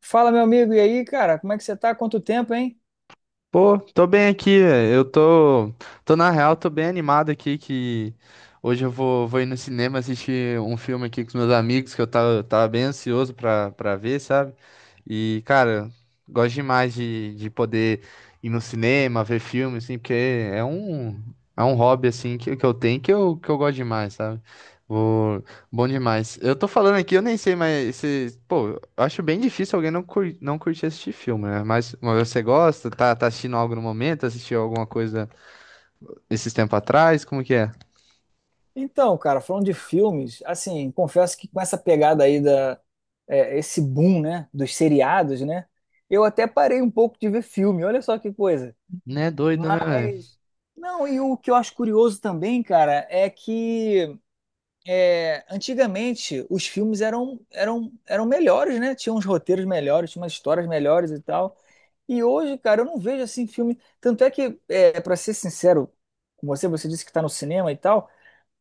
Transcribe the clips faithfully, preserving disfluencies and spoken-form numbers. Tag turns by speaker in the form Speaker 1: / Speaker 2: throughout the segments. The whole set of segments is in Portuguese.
Speaker 1: Fala, meu amigo, e aí, cara, como é que você tá? Quanto tempo, hein?
Speaker 2: Pô, tô bem aqui, velho. eu tô, tô na real, tô bem animado aqui que hoje eu vou, vou ir no cinema assistir um filme aqui com os meus amigos que eu tava, tava bem ansioso pra, pra ver, sabe? E, cara, gosto demais de, de poder ir no cinema, ver filme, assim, porque é um, é um hobby, assim, que, que eu tenho que eu, que eu gosto demais, sabe? Vou, bom demais. Eu tô falando aqui, eu nem sei, mas se, pô, eu acho bem difícil alguém não, cur... não curtir assistir filme, né? Mas mas você gosta? Tá, tá assistindo algo no momento? Assistiu alguma coisa esses tempos atrás? Como que é?
Speaker 1: Então, cara, falando de filmes, assim, confesso que com essa pegada aí da é, esse boom, né, dos seriados, né, eu até parei um pouco de ver filme. Olha só que coisa.
Speaker 2: Né, doido, né, velho?
Speaker 1: Mas não, e o que eu acho curioso também, cara, é que é, antigamente os filmes eram eram eram melhores, né? Tinham uns roteiros melhores, tinham umas histórias melhores e tal. E hoje, cara, eu não vejo assim filme. Tanto é que, é, para ser sincero com você, você disse que tá no cinema e tal.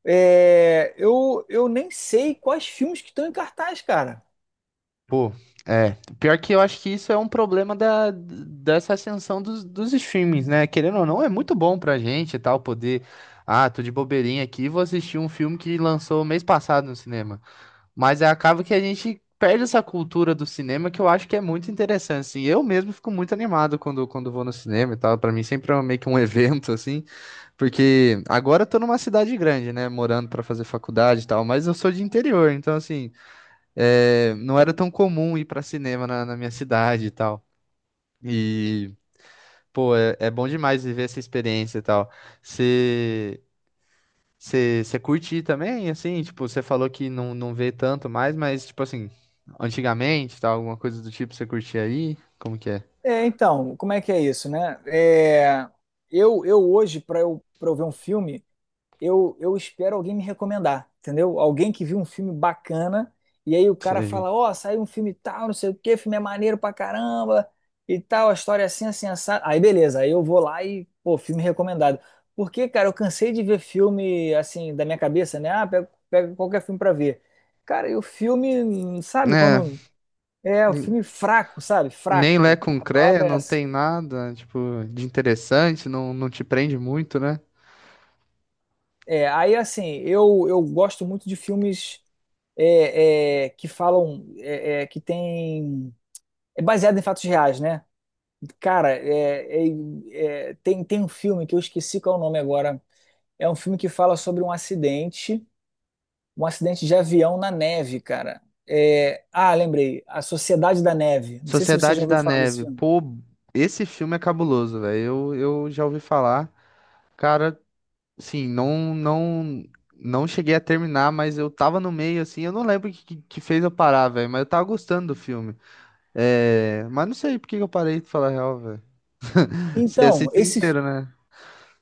Speaker 1: é, eu, eu nem sei quais filmes que estão em cartaz, cara.
Speaker 2: Pô, é. Pior que eu acho que isso é um problema da, dessa ascensão dos, dos streamings, né? Querendo ou não, é muito bom pra gente e tal, poder. Ah, tô de bobeirinha aqui, vou assistir um filme que lançou mês passado no cinema. Mas é acaba que a gente perde essa cultura do cinema que eu acho que é muito interessante, assim. Eu mesmo fico muito animado quando, quando vou no cinema e tal. Pra mim sempre é um, meio que um evento, assim. Porque agora eu tô numa cidade grande, né? Morando pra fazer faculdade e tal. Mas eu sou de interior, então, assim, é, não era tão comum ir pra cinema na, na minha cidade e tal. E, pô, é, é bom demais viver essa experiência e tal. Você. Você você curte também, assim? Tipo, você falou que não, não vê tanto mais, mas, tipo assim, antigamente, tal, alguma coisa do tipo, você curtia aí? Como que é?
Speaker 1: É, então, como é que é isso, né? É, eu, eu hoje, para eu, para eu ver um filme. eu, eu espero alguém me recomendar, entendeu? Alguém que viu um filme bacana e aí o cara
Speaker 2: Sei.
Speaker 1: fala, ó, saiu um filme tal, não sei o quê, o filme é maneiro pra caramba e tal, a história é assim, assim, assado. Aí beleza, aí eu vou lá e, pô, filme recomendado. Porque, cara, eu cansei de ver filme, assim, da minha cabeça, né? Ah, pega pega qualquer filme pra ver. Cara, e o filme, sabe,
Speaker 2: É,
Speaker 1: quando... É, o
Speaker 2: n-
Speaker 1: filme fraco, sabe?
Speaker 2: nem Lé
Speaker 1: Fraco.
Speaker 2: com
Speaker 1: A
Speaker 2: Cré,
Speaker 1: palavra é
Speaker 2: não
Speaker 1: essa.
Speaker 2: tem nada, tipo, de interessante, não, não te prende muito, né?
Speaker 1: É, aí, assim, eu, eu gosto muito de filmes é, é, que falam é, é, que tem é baseado em fatos reais, né? Cara, é, é, é, tem tem um filme que eu esqueci qual é o nome agora. É um filme que fala sobre um acidente, um acidente de avião na neve, cara. É, ah, lembrei, A Sociedade da Neve. Não sei se você já
Speaker 2: Sociedade
Speaker 1: ouviu
Speaker 2: da
Speaker 1: falar desse
Speaker 2: Neve,
Speaker 1: filme.
Speaker 2: pô, esse filme é cabuloso, velho. Eu, eu já ouvi falar. Cara, sim, não, não, não cheguei a terminar, mas eu tava no meio, assim, eu não lembro o que, que que fez eu parar, velho, mas eu tava gostando do filme. É, mas não sei por que que eu parei de falar a real, velho. Você
Speaker 1: Então,
Speaker 2: assistiu
Speaker 1: esse
Speaker 2: inteiro, né?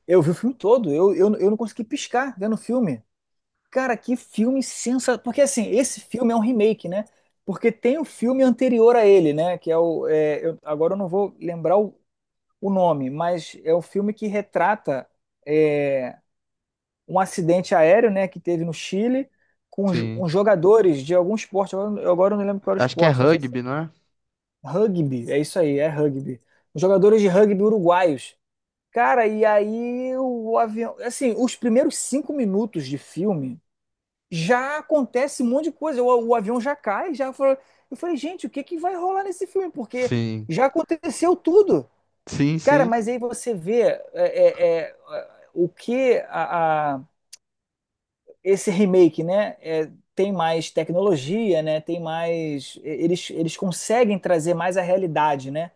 Speaker 1: eu vi o filme todo, eu, eu, eu não consegui piscar vendo o filme. Cara, que filme sensacional. Porque assim, esse filme é um remake, né? Porque tem o filme anterior a ele, né? Que é o. é, eu- agora eu não vou lembrar o, o nome, mas é o filme que retrata é, um acidente aéreo, né? Que teve no Chile com os,
Speaker 2: Sim.
Speaker 1: uns jogadores de algum esporte. Agora, eu- agora eu não lembro qual era o
Speaker 2: Acho que é
Speaker 1: esporte, não sei se.
Speaker 2: rugby, não é?
Speaker 1: É Rugby, é isso aí, é rugby. Os jogadores de rugby uruguaios. Cara, e aí o avião. Assim, os primeiros cinco minutos de filme já acontece um monte de coisa. O, o avião já cai, já falou. Eu falei, gente, o que que vai rolar nesse filme? Porque
Speaker 2: Sim.
Speaker 1: já aconteceu tudo.
Speaker 2: Sim,
Speaker 1: Cara,
Speaker 2: sim.
Speaker 1: mas aí você vê é, é, é, o que a, a- esse remake, né? é, tem mais tecnologia, né? Tem mais. Eles, eles conseguem trazer mais a realidade, né?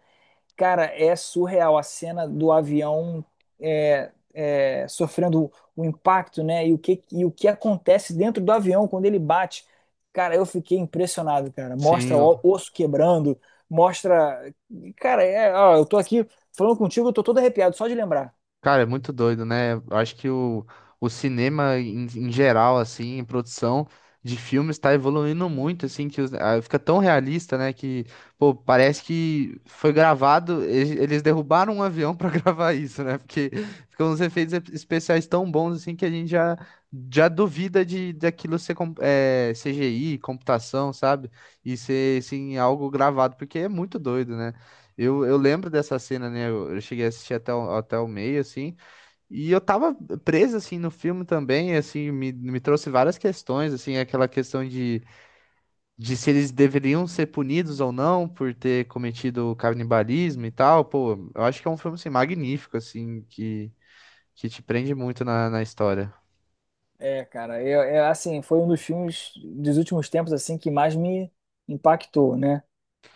Speaker 1: Cara, é surreal a cena do avião é, é, sofrendo o impacto, né? E o que, e o que acontece dentro do avião quando ele bate. Cara, eu fiquei impressionado, cara. Mostra o
Speaker 2: Sim.
Speaker 1: osso quebrando, mostra. Cara, é, ó, eu tô aqui falando contigo, eu tô todo arrepiado só de lembrar.
Speaker 2: Cara, é muito doido, né? Eu acho que o, o cinema em, em geral, assim, em produção de filmes está evoluindo muito, assim, que os- ah, fica tão realista, né? Que, pô, parece que foi gravado, e- eles derrubaram um avião para gravar isso, né? Porque ficam uns efeitos e- especiais tão bons, assim, que a gente já, já duvida de daquilo ser com- é, C G I, computação, sabe? E ser, assim, algo gravado, porque é muito doido, né? Eu, eu lembro dessa cena, né? Eu, eu cheguei a assistir até o, até o meio, assim, e eu tava preso, assim, no filme também, assim, me, me trouxe várias questões, assim, aquela questão de, de se eles deveriam ser punidos ou não por ter cometido canibalismo e tal. Pô, eu acho que é um filme, assim, magnífico, assim, que, que te prende muito na, na história.
Speaker 1: É, cara, eu, é, assim, foi um dos filmes dos últimos tempos assim que mais me impactou, né?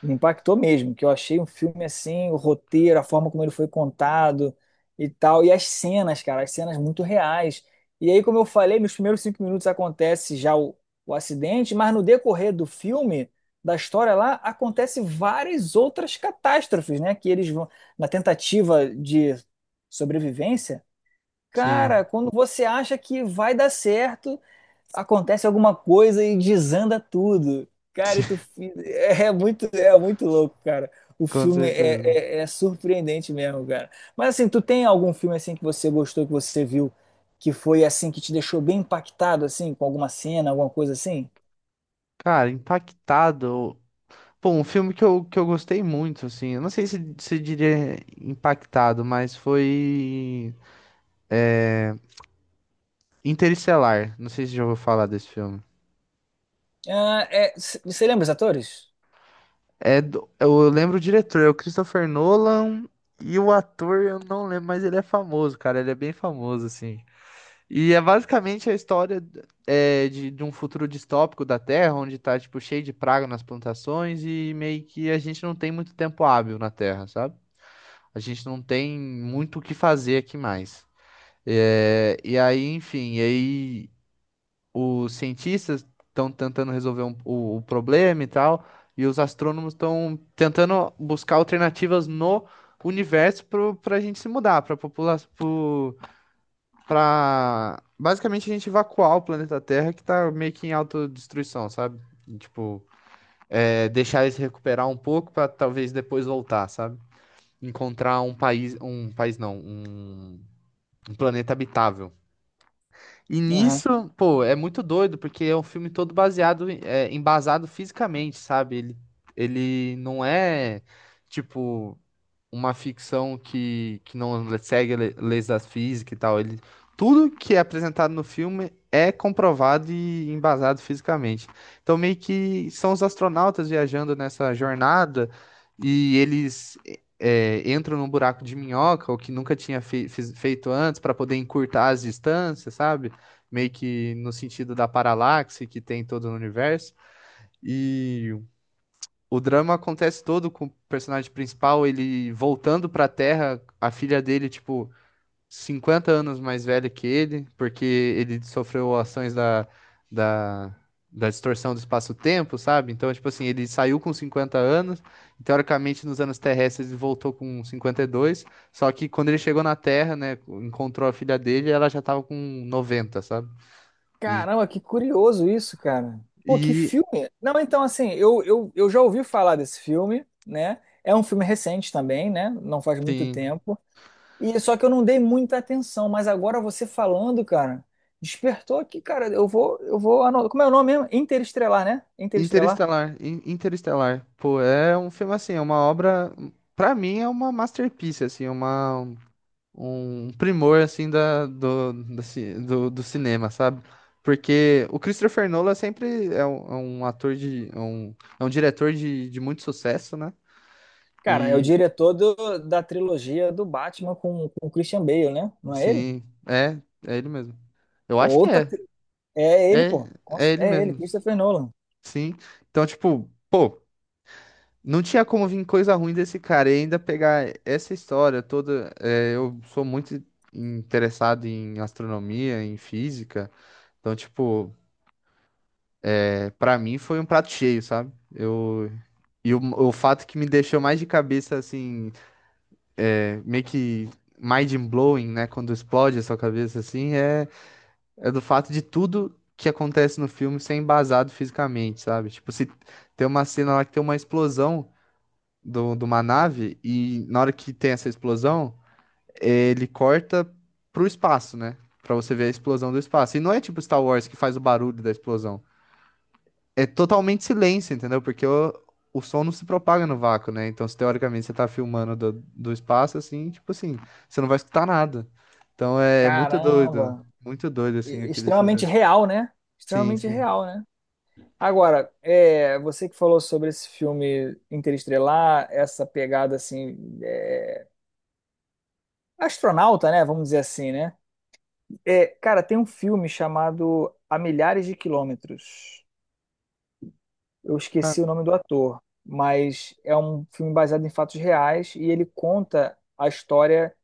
Speaker 1: Me impactou mesmo, que eu achei um filme assim, o roteiro, a forma como ele foi contado e tal, e as cenas, cara, as cenas muito reais. E aí, como eu falei, nos primeiros cinco minutos acontece já o, o acidente, mas no decorrer do filme, da história lá, acontece várias outras catástrofes, né? Que eles vão, na tentativa de sobrevivência,
Speaker 2: Sim,
Speaker 1: cara, quando você acha que vai dar certo, acontece alguma coisa e desanda tudo. Cara,
Speaker 2: sim,
Speaker 1: e tu fi- é é muito, é muito louco, cara. O
Speaker 2: com
Speaker 1: filme
Speaker 2: certeza.
Speaker 1: é, é- é surpreendente mesmo, cara. Mas assim, tu tem algum filme assim que você gostou, que você viu, que foi assim, que te deixou bem impactado, assim, com alguma cena, alguma coisa assim?
Speaker 2: Cara, impactado. Pô, um filme que eu, que eu gostei muito, assim, eu não sei se, se diria impactado, mas foi Interestelar. Não sei se já ouviu falar desse filme.
Speaker 1: Ah, é, c- você lembra os atores?
Speaker 2: É do- eu lembro o diretor, é o Christopher Nolan, e o ator eu não lembro, mas ele é famoso, cara, ele é bem famoso, assim. E é basicamente a história é, de, de um futuro distópico da Terra, onde tá, tipo, cheio de praga nas plantações e meio que a gente não tem muito tempo hábil na Terra, sabe? A gente não tem muito o que fazer aqui mais. É, e aí, enfim, e aí os cientistas estão tentando resolver um- o, o problema e tal, e os astrônomos estão tentando buscar alternativas no universo para a gente se mudar, para população, para basicamente a gente evacuar o planeta Terra que tá meio que em autodestruição, sabe? E, tipo, é, deixar eles recuperar um pouco para talvez depois voltar, sabe? Encontrar um país, um país não, um um planeta habitável. E nisso, pô, é muito doido, porque é um filme todo baseado, em- é, embasado fisicamente, sabe? Ele, ele não é, tipo uma ficção que, que não segue le- leis da física e tal. Ele, tudo que é apresentado no filme é comprovado e embasado fisicamente. Então, meio que são os astronautas viajando nessa jornada e eles é, entram num buraco de minhoca, o que nunca tinha fe- fiz- feito antes, para poder encurtar as distâncias, sabe? Meio que no sentido da paralaxe que tem todo no universo. E o drama acontece todo com o personagem principal, ele voltando pra Terra, a filha dele, tipo, cinquenta anos mais velha que ele, porque ele sofreu ações da, da, da distorção do espaço-tempo, sabe? Então, tipo assim, ele saiu com cinquenta anos, e, teoricamente nos anos terrestres ele voltou com cinquenta e dois, só que quando ele chegou na Terra, né, encontrou a filha dele, ela já tava com noventa, sabe? E,
Speaker 1: Caramba, que curioso isso, cara. Pô, que
Speaker 2: e
Speaker 1: filme. Não, então, assim, eu, eu, eu já ouvi falar desse filme, né? É um filme recente também, né? Não faz muito
Speaker 2: sim,
Speaker 1: tempo. E só que eu não dei muita atenção, mas agora você falando, cara, despertou aqui, cara. Eu vou, eu vou. ano- Como é o nome mesmo? Interestelar, né? Interestelar.
Speaker 2: Interestelar, In- Interestelar, pô, é um filme assim, é uma obra, pra mim é uma masterpiece, assim, uma um primor assim da do, da ci- do, do cinema, sabe? Porque o Christopher Nolan sempre é um, é um ator de é um, é um diretor de, de muito sucesso, né?
Speaker 1: Cara, é o
Speaker 2: E
Speaker 1: diretor do- da trilogia do Batman com, com o Christian Bale, né? Não é ele?
Speaker 2: sim, é, é ele mesmo. Eu acho que
Speaker 1: Outra.
Speaker 2: é,
Speaker 1: tri- É ele,
Speaker 2: é,
Speaker 1: pô.
Speaker 2: é
Speaker 1: Nossa,
Speaker 2: ele
Speaker 1: é ele,
Speaker 2: mesmo.
Speaker 1: Christopher Nolan.
Speaker 2: Sim. Então, tipo, pô. Não tinha como vir coisa ruim desse cara. E ainda pegar essa história toda. É, eu sou muito interessado em astronomia, em física. Então, tipo, é, para mim foi um prato cheio, sabe? Eu, e o, o fato que me deixou mais de cabeça, assim, é, meio que mind-blowing, né? Quando explode a sua cabeça, assim, é, é do fato de tudo que acontece no filme ser embasado fisicamente, sabe? Tipo, se tem uma cena lá que tem uma explosão. do, de uma nave e na hora que tem essa explosão, ele corta pro espaço, né? Pra você ver a explosão do espaço. E não é tipo Star Wars que faz o barulho da explosão. É totalmente silêncio, entendeu? Porque o, o som não se propaga no vácuo, né? Então, se teoricamente você tá filmando do, do espaço, assim, tipo assim, você não vai escutar nada. Então é muito doido.
Speaker 1: Caramba.
Speaker 2: Muito doido, assim,
Speaker 1: e-
Speaker 2: aquele.
Speaker 1: extremamente real, né?
Speaker 2: Sim,
Speaker 1: Extremamente
Speaker 2: sim.
Speaker 1: real, né? Agora, é, você que falou sobre esse filme Interestelar, essa pegada assim, é, astronauta, né? Vamos dizer assim, né? É, cara, tem um filme chamado A Milhares de Quilômetros. Eu
Speaker 2: Cara,
Speaker 1: esqueci o nome do ator, mas é um filme baseado em fatos reais e ele conta a história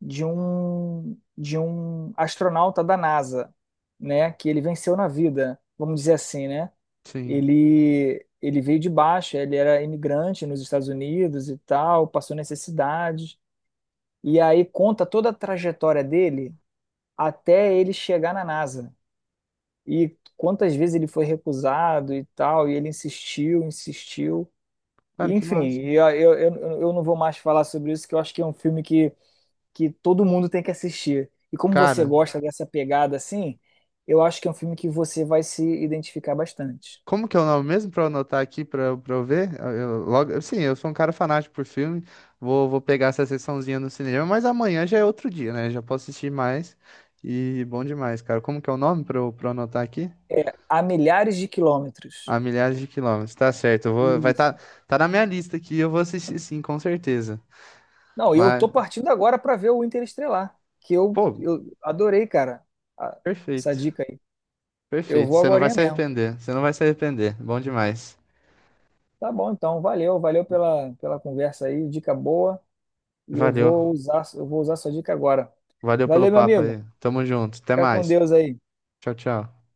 Speaker 1: de um de um astronauta da NASA, né? Que ele venceu na vida, vamos dizer assim, né?
Speaker 2: sim.
Speaker 1: ele ele veio de baixo, ele era imigrante nos Estados Unidos e tal, passou necessidades. E aí conta toda a trajetória dele até ele chegar na NASA. E quantas vezes ele foi recusado e tal, e ele insistiu, insistiu. E,
Speaker 2: Cara, que
Speaker 1: enfim,
Speaker 2: massa.
Speaker 1: eu, eu, eu eu não vou mais falar sobre isso, que eu acho que é um filme que, que todo mundo tem que assistir. E como você
Speaker 2: Cara,
Speaker 1: gosta dessa pegada assim, eu acho que é um filme que você vai se identificar bastante.
Speaker 2: como que é o nome mesmo para eu anotar aqui para para eu ver? Eu, eu logo, sim, eu sou um cara fanático por filme. Vou, vou pegar essa sessãozinha no cinema, mas amanhã já é outro dia, né? Já posso assistir mais. E bom demais, cara. Como que é o nome para eu, pra eu anotar aqui?
Speaker 1: É, a milhares de quilômetros.
Speaker 2: A milhares de quilômetros. Tá certo. Eu vou, vai tá,
Speaker 1: Isso.
Speaker 2: tá na minha lista aqui. Eu vou assistir sim, com certeza.
Speaker 1: Não, e eu
Speaker 2: Mas,
Speaker 1: tô partindo agora para ver o Interestelar, que eu,
Speaker 2: pô,
Speaker 1: eu adorei, cara, a- essa
Speaker 2: perfeito.
Speaker 1: dica aí. Eu
Speaker 2: Perfeito.
Speaker 1: vou
Speaker 2: Você não vai
Speaker 1: agorinha
Speaker 2: se
Speaker 1: mesmo.
Speaker 2: arrepender. Você não vai se arrepender. Bom demais.
Speaker 1: Tá bom, então, valeu, valeu pela, pela conversa aí, dica boa, e eu vou
Speaker 2: Valeu.
Speaker 1: usar, eu vou usar sua dica agora.
Speaker 2: Valeu pelo
Speaker 1: Valeu, meu
Speaker 2: papo
Speaker 1: amigo.
Speaker 2: aí. Tamo junto. Até
Speaker 1: Fica com
Speaker 2: mais.
Speaker 1: Deus aí.
Speaker 2: Tchau, tchau.